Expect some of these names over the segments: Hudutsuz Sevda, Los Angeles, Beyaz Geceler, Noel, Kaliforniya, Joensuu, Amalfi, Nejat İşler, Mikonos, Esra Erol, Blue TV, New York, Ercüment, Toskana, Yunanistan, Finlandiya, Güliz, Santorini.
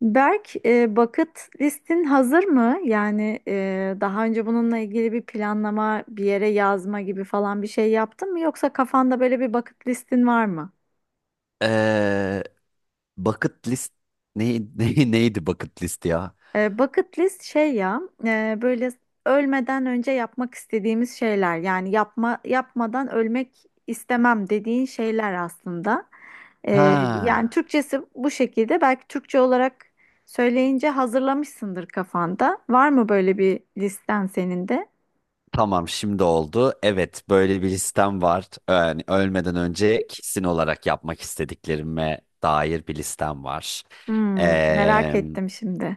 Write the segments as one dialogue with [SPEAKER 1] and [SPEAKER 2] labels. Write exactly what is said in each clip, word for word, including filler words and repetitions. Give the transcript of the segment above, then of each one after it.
[SPEAKER 1] Berk, e, bucket listin hazır mı? Yani e, daha önce bununla ilgili bir planlama, bir yere yazma gibi falan bir şey yaptın mı? Yoksa kafanda böyle bir bucket listin var mı?
[SPEAKER 2] Ee, bucket list ne, ne, neydi bucket list ya?
[SPEAKER 1] E, bucket list şey ya, e, böyle ölmeden önce yapmak istediğimiz şeyler. Yani yapma yapmadan ölmek istemem dediğin şeyler aslında. E, yani
[SPEAKER 2] Ha,
[SPEAKER 1] Türkçesi bu şekilde. Belki Türkçe olarak söyleyince hazırlamışsındır kafanda. Var mı böyle bir listen senin de?
[SPEAKER 2] tamam şimdi oldu. Evet böyle bir listem var. Yani ölmeden önce kesin olarak yapmak istediklerime dair bir listem var.
[SPEAKER 1] Hmm, merak
[SPEAKER 2] Ee,
[SPEAKER 1] ettim şimdi.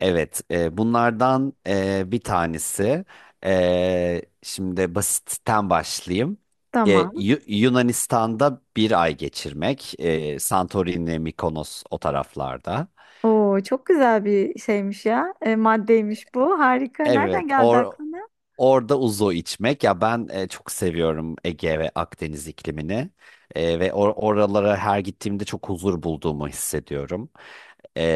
[SPEAKER 2] evet e, bunlardan e, bir tanesi. E, şimdi basitten başlayayım. E,
[SPEAKER 1] Tamam.
[SPEAKER 2] Yu- Yunanistan'da bir ay geçirmek. E, Santorini, Mikonos o taraflarda.
[SPEAKER 1] Oo, çok güzel bir şeymiş ya. E, maddeymiş bu. Harika. Nereden
[SPEAKER 2] Evet,
[SPEAKER 1] geldi
[SPEAKER 2] or
[SPEAKER 1] aklına?
[SPEAKER 2] orada uzo içmek ya, ben e, çok seviyorum Ege ve Akdeniz iklimini. E, ve or- oralara her gittiğimde çok huzur bulduğumu hissediyorum. E,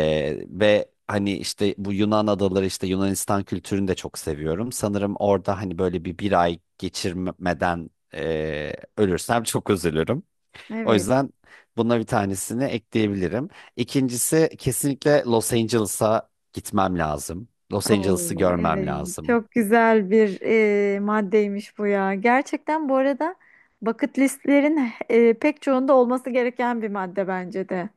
[SPEAKER 2] Ve hani işte bu Yunan adaları, işte Yunanistan kültürünü de çok seviyorum. Sanırım orada hani böyle bir bir ay geçirmeden e, ölürsem çok üzülürüm. O
[SPEAKER 1] Evet.
[SPEAKER 2] yüzden buna bir tanesini ekleyebilirim. İkincisi kesinlikle Los Angeles'a gitmem lazım. Los Angeles'ı
[SPEAKER 1] Oo,
[SPEAKER 2] görmem
[SPEAKER 1] evet.
[SPEAKER 2] lazım.
[SPEAKER 1] Çok güzel bir e, maddeymiş bu ya. Gerçekten bu arada bucket listlerin e, pek çoğunda olması gereken bir madde bence de.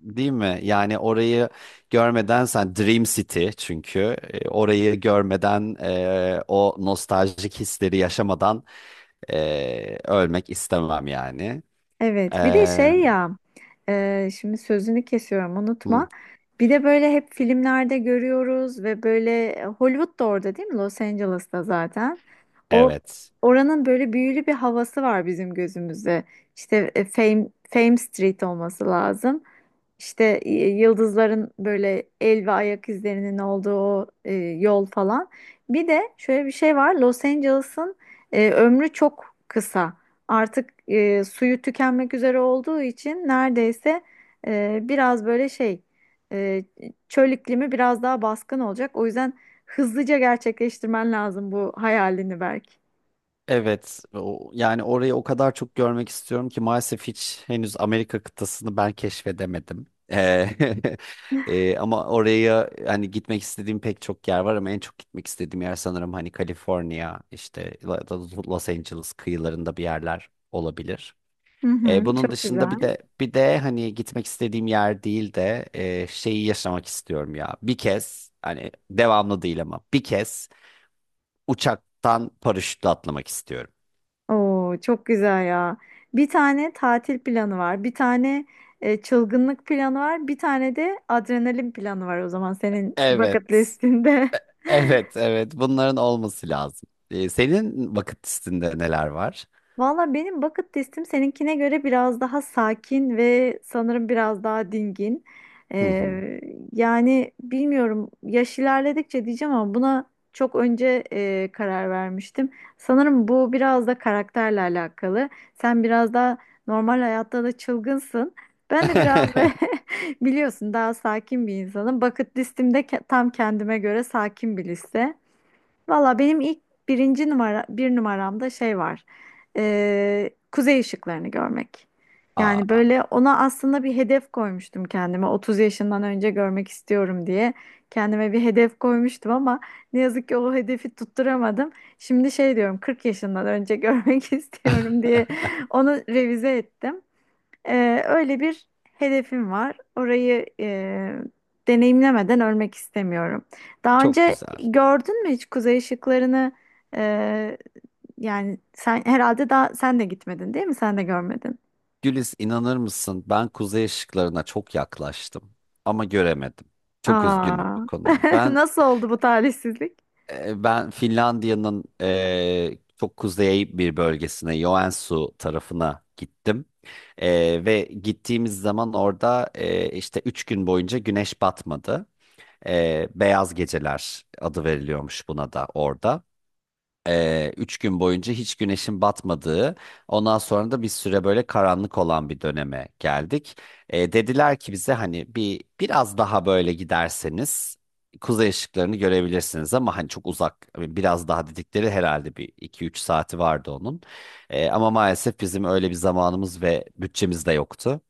[SPEAKER 2] Değil mi? Yani orayı görmeden, sen Dream City çünkü e, orayı görmeden, e, o nostaljik hisleri yaşamadan e, ölmek istemem yani. E,
[SPEAKER 1] Evet, bir de şey ya, e, şimdi sözünü kesiyorum,
[SPEAKER 2] hı,
[SPEAKER 1] unutma. Bir de böyle hep filmlerde görüyoruz ve böyle Hollywood da orada değil mi? Los Angeles'ta zaten. O
[SPEAKER 2] evet.
[SPEAKER 1] oranın böyle büyülü bir havası var bizim gözümüzde. İşte e, Fame Fame Street olması lazım. İşte e, yıldızların böyle el ve ayak izlerinin olduğu o, e, yol falan. Bir de şöyle bir şey var. Los Angeles'ın e, ömrü çok kısa artık e, suyu tükenmek üzere olduğu için neredeyse e, biraz böyle şey e, çöl iklimi biraz daha baskın olacak. O yüzden hızlıca gerçekleştirmen lazım bu hayalini Berk.
[SPEAKER 2] Evet, o, yani orayı o kadar çok görmek istiyorum ki, maalesef hiç henüz Amerika kıtasını ben keşfedemedim. Ee, e, ama oraya hani gitmek istediğim pek çok yer var, ama en çok gitmek istediğim yer sanırım hani Kaliforniya, işte La- La- Los Angeles kıyılarında bir yerler olabilir.
[SPEAKER 1] Hı
[SPEAKER 2] Ee,
[SPEAKER 1] hı,
[SPEAKER 2] bunun
[SPEAKER 1] çok
[SPEAKER 2] dışında bir
[SPEAKER 1] güzel.
[SPEAKER 2] de bir de hani gitmek istediğim yer değil de e, şeyi yaşamak istiyorum ya. Bir kez, hani devamlı değil ama bir kez uçaktan paraşütle atlamak istiyorum.
[SPEAKER 1] Oo, çok güzel ya. Bir tane tatil planı var, bir tane e, çılgınlık planı var, bir tane de adrenalin planı var o zaman senin
[SPEAKER 2] Evet.
[SPEAKER 1] bucket listinde.
[SPEAKER 2] Evet, evet. Bunların olması lazım. Ee, senin vakit listinde neler var?
[SPEAKER 1] Valla benim bucket listim seninkine göre biraz daha sakin ve sanırım biraz daha dingin.
[SPEAKER 2] Hı hı.
[SPEAKER 1] Ee, yani bilmiyorum yaş ilerledikçe diyeceğim ama buna çok önce e, karar vermiştim. Sanırım bu biraz da karakterle alakalı. Sen biraz daha normal hayatta da çılgınsın. Ben de biraz ve biliyorsun daha sakin bir insanım. Bucket listim de ke- tam kendime göre sakin bir liste. Valla benim ilk birinci numara bir numaramda şey var. Ee, kuzey ışıklarını görmek. Yani
[SPEAKER 2] Aa,
[SPEAKER 1] böyle ona aslında bir hedef koymuştum kendime. otuz yaşından önce görmek istiyorum diye kendime bir hedef koymuştum ama ne yazık ki o hedefi tutturamadım. Şimdi şey diyorum kırk yaşından önce görmek istiyorum diye onu revize ettim. Ee, öyle bir hedefim var. Orayı e, deneyimlemeden ölmek istemiyorum. Daha
[SPEAKER 2] çok
[SPEAKER 1] önce
[SPEAKER 2] güzel.
[SPEAKER 1] gördün mü hiç kuzey ışıklarını? E, yani sen herhalde daha sen de gitmedin değil mi? Sen de görmedin.
[SPEAKER 2] Güliz, inanır mısın? Ben kuzey ışıklarına çok yaklaştım ama göremedim. Çok üzgünüm
[SPEAKER 1] Aa,
[SPEAKER 2] bu konuyla. Ben
[SPEAKER 1] nasıl oldu bu talihsizlik?
[SPEAKER 2] e, ben Finlandiya'nın e, çok kuzey bir bölgesine, Joensuu tarafına gittim. E, ve gittiğimiz zaman orada e, işte üç gün boyunca güneş batmadı. Ee, Beyaz Geceler adı veriliyormuş buna da orada. Ee, üç gün boyunca hiç güneşin batmadığı, ondan sonra da bir süre böyle karanlık olan bir döneme geldik. Ee, dediler ki bize, hani bir biraz daha böyle giderseniz kuzey ışıklarını görebilirsiniz, ama hani çok uzak, biraz daha dedikleri herhalde bir iki üç saati vardı onun. Ee, ama maalesef bizim öyle bir zamanımız ve bütçemiz de yoktu.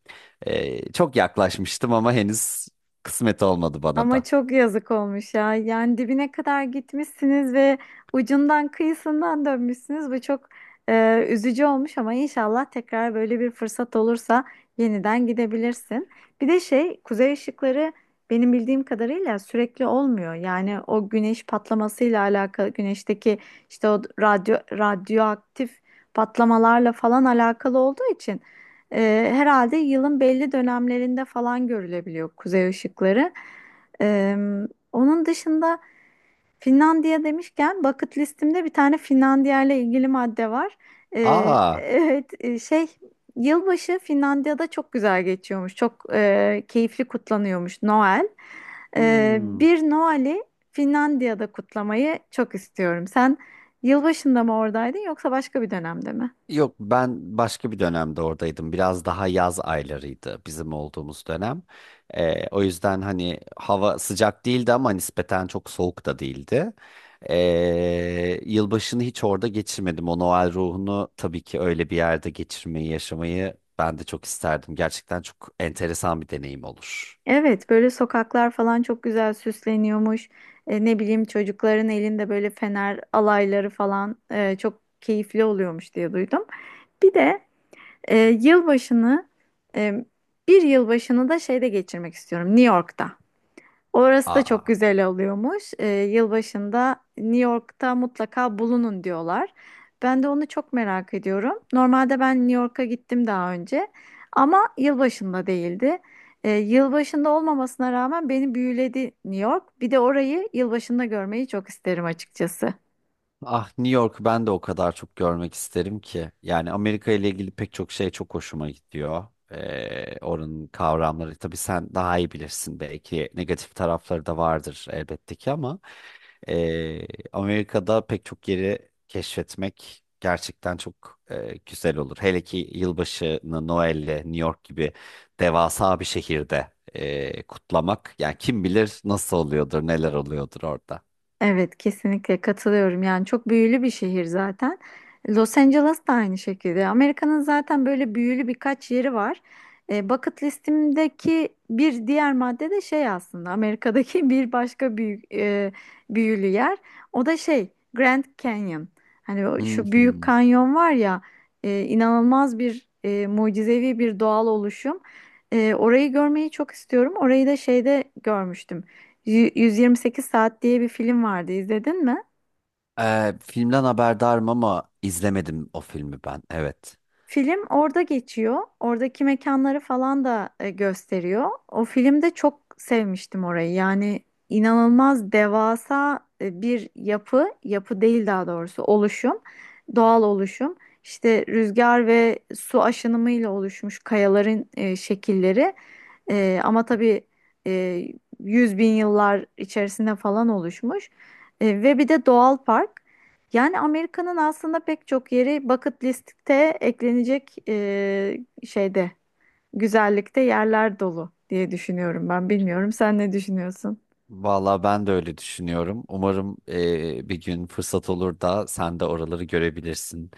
[SPEAKER 2] Ee, çok yaklaşmıştım ama henüz kısmet olmadı bana
[SPEAKER 1] Ama
[SPEAKER 2] da.
[SPEAKER 1] çok yazık olmuş ya. Yani dibine kadar gitmişsiniz ve ucundan kıyısından dönmüşsünüz. Bu çok e, üzücü olmuş ama inşallah tekrar böyle bir fırsat olursa yeniden gidebilirsin. Bir de şey, kuzey ışıkları benim bildiğim kadarıyla sürekli olmuyor. Yani o güneş patlamasıyla alakalı, güneşteki işte o radyo radyoaktif patlamalarla falan alakalı olduğu için e, herhalde yılın belli dönemlerinde falan görülebiliyor kuzey ışıkları. Ee, onun dışında Finlandiya demişken bucket listimde bir tane Finlandiya ile ilgili madde var. Ee,
[SPEAKER 2] Aa.
[SPEAKER 1] evet e, şey yılbaşı Finlandiya'da çok güzel geçiyormuş. Çok e, keyifli kutlanıyormuş Noel. Ee,
[SPEAKER 2] Hmm.
[SPEAKER 1] bir Noel'i Finlandiya'da kutlamayı çok istiyorum. Sen yılbaşında mı oradaydın yoksa başka bir dönemde mi?
[SPEAKER 2] Yok, ben başka bir dönemde oradaydım. Biraz daha yaz aylarıydı bizim olduğumuz dönem. Ee, o yüzden hani hava sıcak değildi ama nispeten çok soğuk da değildi. Ee, yılbaşını hiç orada geçirmedim. O Noel ruhunu tabii ki öyle bir yerde geçirmeyi, yaşamayı ben de çok isterdim. Gerçekten çok enteresan bir deneyim olur.
[SPEAKER 1] Evet, böyle sokaklar falan çok güzel süsleniyormuş. E, ne bileyim çocukların elinde böyle fener alayları falan e, çok keyifli oluyormuş diye duydum. Bir de e, yılbaşını e, bir yılbaşını da şeyde geçirmek istiyorum, New York'ta. Orası da çok
[SPEAKER 2] Aa.
[SPEAKER 1] güzel oluyormuş. Ee, yılbaşında New York'ta mutlaka bulunun diyorlar. Ben de onu çok merak ediyorum. Normalde ben New York'a gittim daha önce ama yılbaşında değildi. Ee, yılbaşında olmamasına rağmen beni büyüledi New York. Bir de orayı yılbaşında görmeyi çok isterim açıkçası.
[SPEAKER 2] Ah, New York'u ben de o kadar çok görmek isterim ki. Yani Amerika ile ilgili pek çok şey çok hoşuma gidiyor. Ee, oranın kavramları tabii sen daha iyi bilirsin, belki negatif tarafları da vardır elbette ki, ama ee, Amerika'da pek çok yeri keşfetmek gerçekten çok ee, güzel olur. Hele ki yılbaşını Noel'le, New York gibi devasa bir şehirde ee, kutlamak, yani kim bilir nasıl oluyordur, neler oluyordur orada.
[SPEAKER 1] Evet, kesinlikle katılıyorum. Yani çok büyülü bir şehir zaten. Los Angeles da aynı şekilde. Amerika'nın zaten böyle büyülü birkaç yeri var. E, bucket listimdeki bir diğer madde de şey aslında Amerika'daki bir başka büyük e, büyülü yer. O da şey Grand Canyon. Hani o,
[SPEAKER 2] Hı
[SPEAKER 1] şu büyük
[SPEAKER 2] hı.
[SPEAKER 1] kanyon var ya e, inanılmaz bir e, mucizevi bir doğal oluşum. E, orayı görmeyi çok istiyorum. Orayı da şeyde görmüştüm. Yü- yüz yirmi sekiz Saat diye bir film vardı izledin mi?
[SPEAKER 2] Ee, filmden haberdarım ama izlemedim o filmi ben. Evet.
[SPEAKER 1] Film orada geçiyor. Oradaki mekanları falan da e, gösteriyor. O filmde çok sevmiştim orayı. Yani inanılmaz devasa e, bir yapı, yapı değil daha doğrusu oluşum, doğal oluşum. İşte rüzgar ve su aşınımıyla oluşmuş kayaların e, şekilleri. E, ama tabii e, yüz bin yıllar içerisinde falan oluşmuş. E, ve bir de doğal park. Yani Amerika'nın aslında pek çok yeri bucket listte eklenecek e, şeyde, güzellikte yerler dolu diye düşünüyorum ben. Bilmiyorum sen ne düşünüyorsun?
[SPEAKER 2] Vallahi ben de öyle düşünüyorum. Umarım e, bir gün fırsat olur da sen de oraları görebilirsin.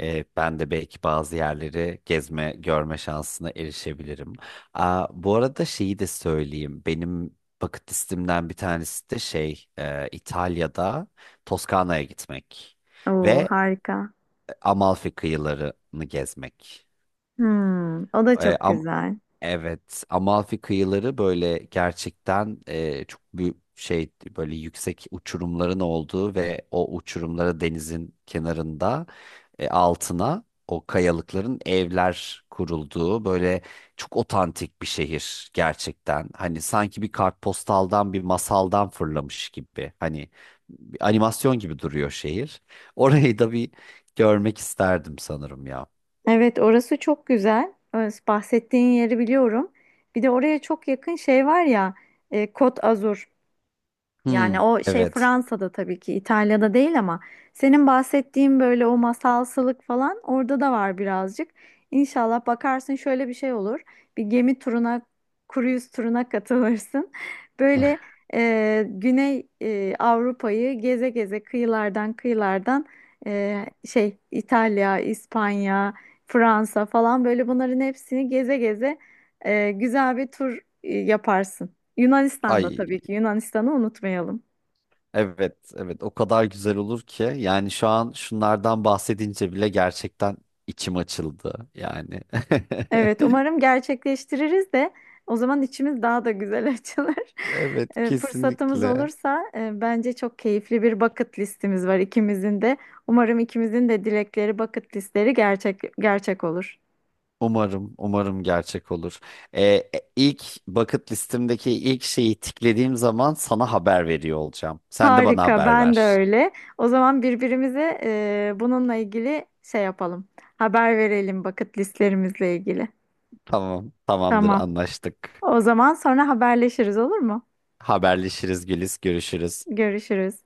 [SPEAKER 2] E, ben de belki bazı yerleri gezme, görme şansına erişebilirim. Aa, bu arada şeyi de söyleyeyim. Benim bucket listemden bir tanesi de şey, e, İtalya'da Toskana'ya gitmek
[SPEAKER 1] Oo
[SPEAKER 2] ve
[SPEAKER 1] harika.
[SPEAKER 2] Amalfi kıyılarını gezmek.
[SPEAKER 1] Hmm, o da
[SPEAKER 2] E,
[SPEAKER 1] çok
[SPEAKER 2] am
[SPEAKER 1] güzel.
[SPEAKER 2] Evet, Amalfi kıyıları böyle gerçekten e, çok büyük şey, böyle yüksek uçurumların olduğu ve o uçurumlara, denizin kenarında e, altına o kayalıkların evler kurulduğu, böyle çok otantik bir şehir gerçekten. Hani sanki bir kartpostaldan, bir masaldan fırlamış gibi. Hani bir animasyon gibi duruyor şehir. Orayı da bir görmek isterdim sanırım ya.
[SPEAKER 1] Evet orası çok güzel. Orası bahsettiğin yeri biliyorum. Bir de oraya çok yakın şey var ya, e, Côte Azur.
[SPEAKER 2] Hmm,
[SPEAKER 1] Yani o şey
[SPEAKER 2] evet.
[SPEAKER 1] Fransa'da tabii ki İtalya'da değil ama senin bahsettiğin böyle o masalsılık falan orada da var birazcık. İnşallah bakarsın şöyle bir şey olur. Bir gemi turuna, cruise turuna katılırsın. Böyle e, Güney e, Avrupa'yı geze geze kıyılardan kıyılardan e, şey İtalya, İspanya, Fransa falan böyle bunların hepsini geze geze e, güzel bir tur e, yaparsın. Yunanistan'da
[SPEAKER 2] Ay
[SPEAKER 1] tabii ki Yunanistan'ı unutmayalım.
[SPEAKER 2] Evet, evet, o kadar güzel olur ki, yani şu an şunlardan bahsedince bile gerçekten içim açıldı yani.
[SPEAKER 1] Evet, umarım gerçekleştiririz de o zaman içimiz daha da güzel açılır.
[SPEAKER 2] Evet,
[SPEAKER 1] E, fırsatımız
[SPEAKER 2] kesinlikle.
[SPEAKER 1] olursa e, bence çok keyifli bir bucket listimiz var ikimizin de. Umarım ikimizin de dilekleri, bucket listleri gerçek gerçek olur.
[SPEAKER 2] Umarım, umarım gerçek olur. Ee, e, ilk bucket listemdeki ilk şeyi tiklediğim zaman sana haber veriyor olacağım. Sen de bana
[SPEAKER 1] Harika,
[SPEAKER 2] haber
[SPEAKER 1] ben de
[SPEAKER 2] ver.
[SPEAKER 1] öyle. O zaman birbirimize e, bununla ilgili şey yapalım. Haber verelim bucket listlerimizle ilgili.
[SPEAKER 2] Tamam, tamamdır,
[SPEAKER 1] Tamam.
[SPEAKER 2] anlaştık.
[SPEAKER 1] O zaman sonra haberleşiriz olur mu?
[SPEAKER 2] Haberleşiriz, Güliz, görüşürüz.
[SPEAKER 1] Görüşürüz.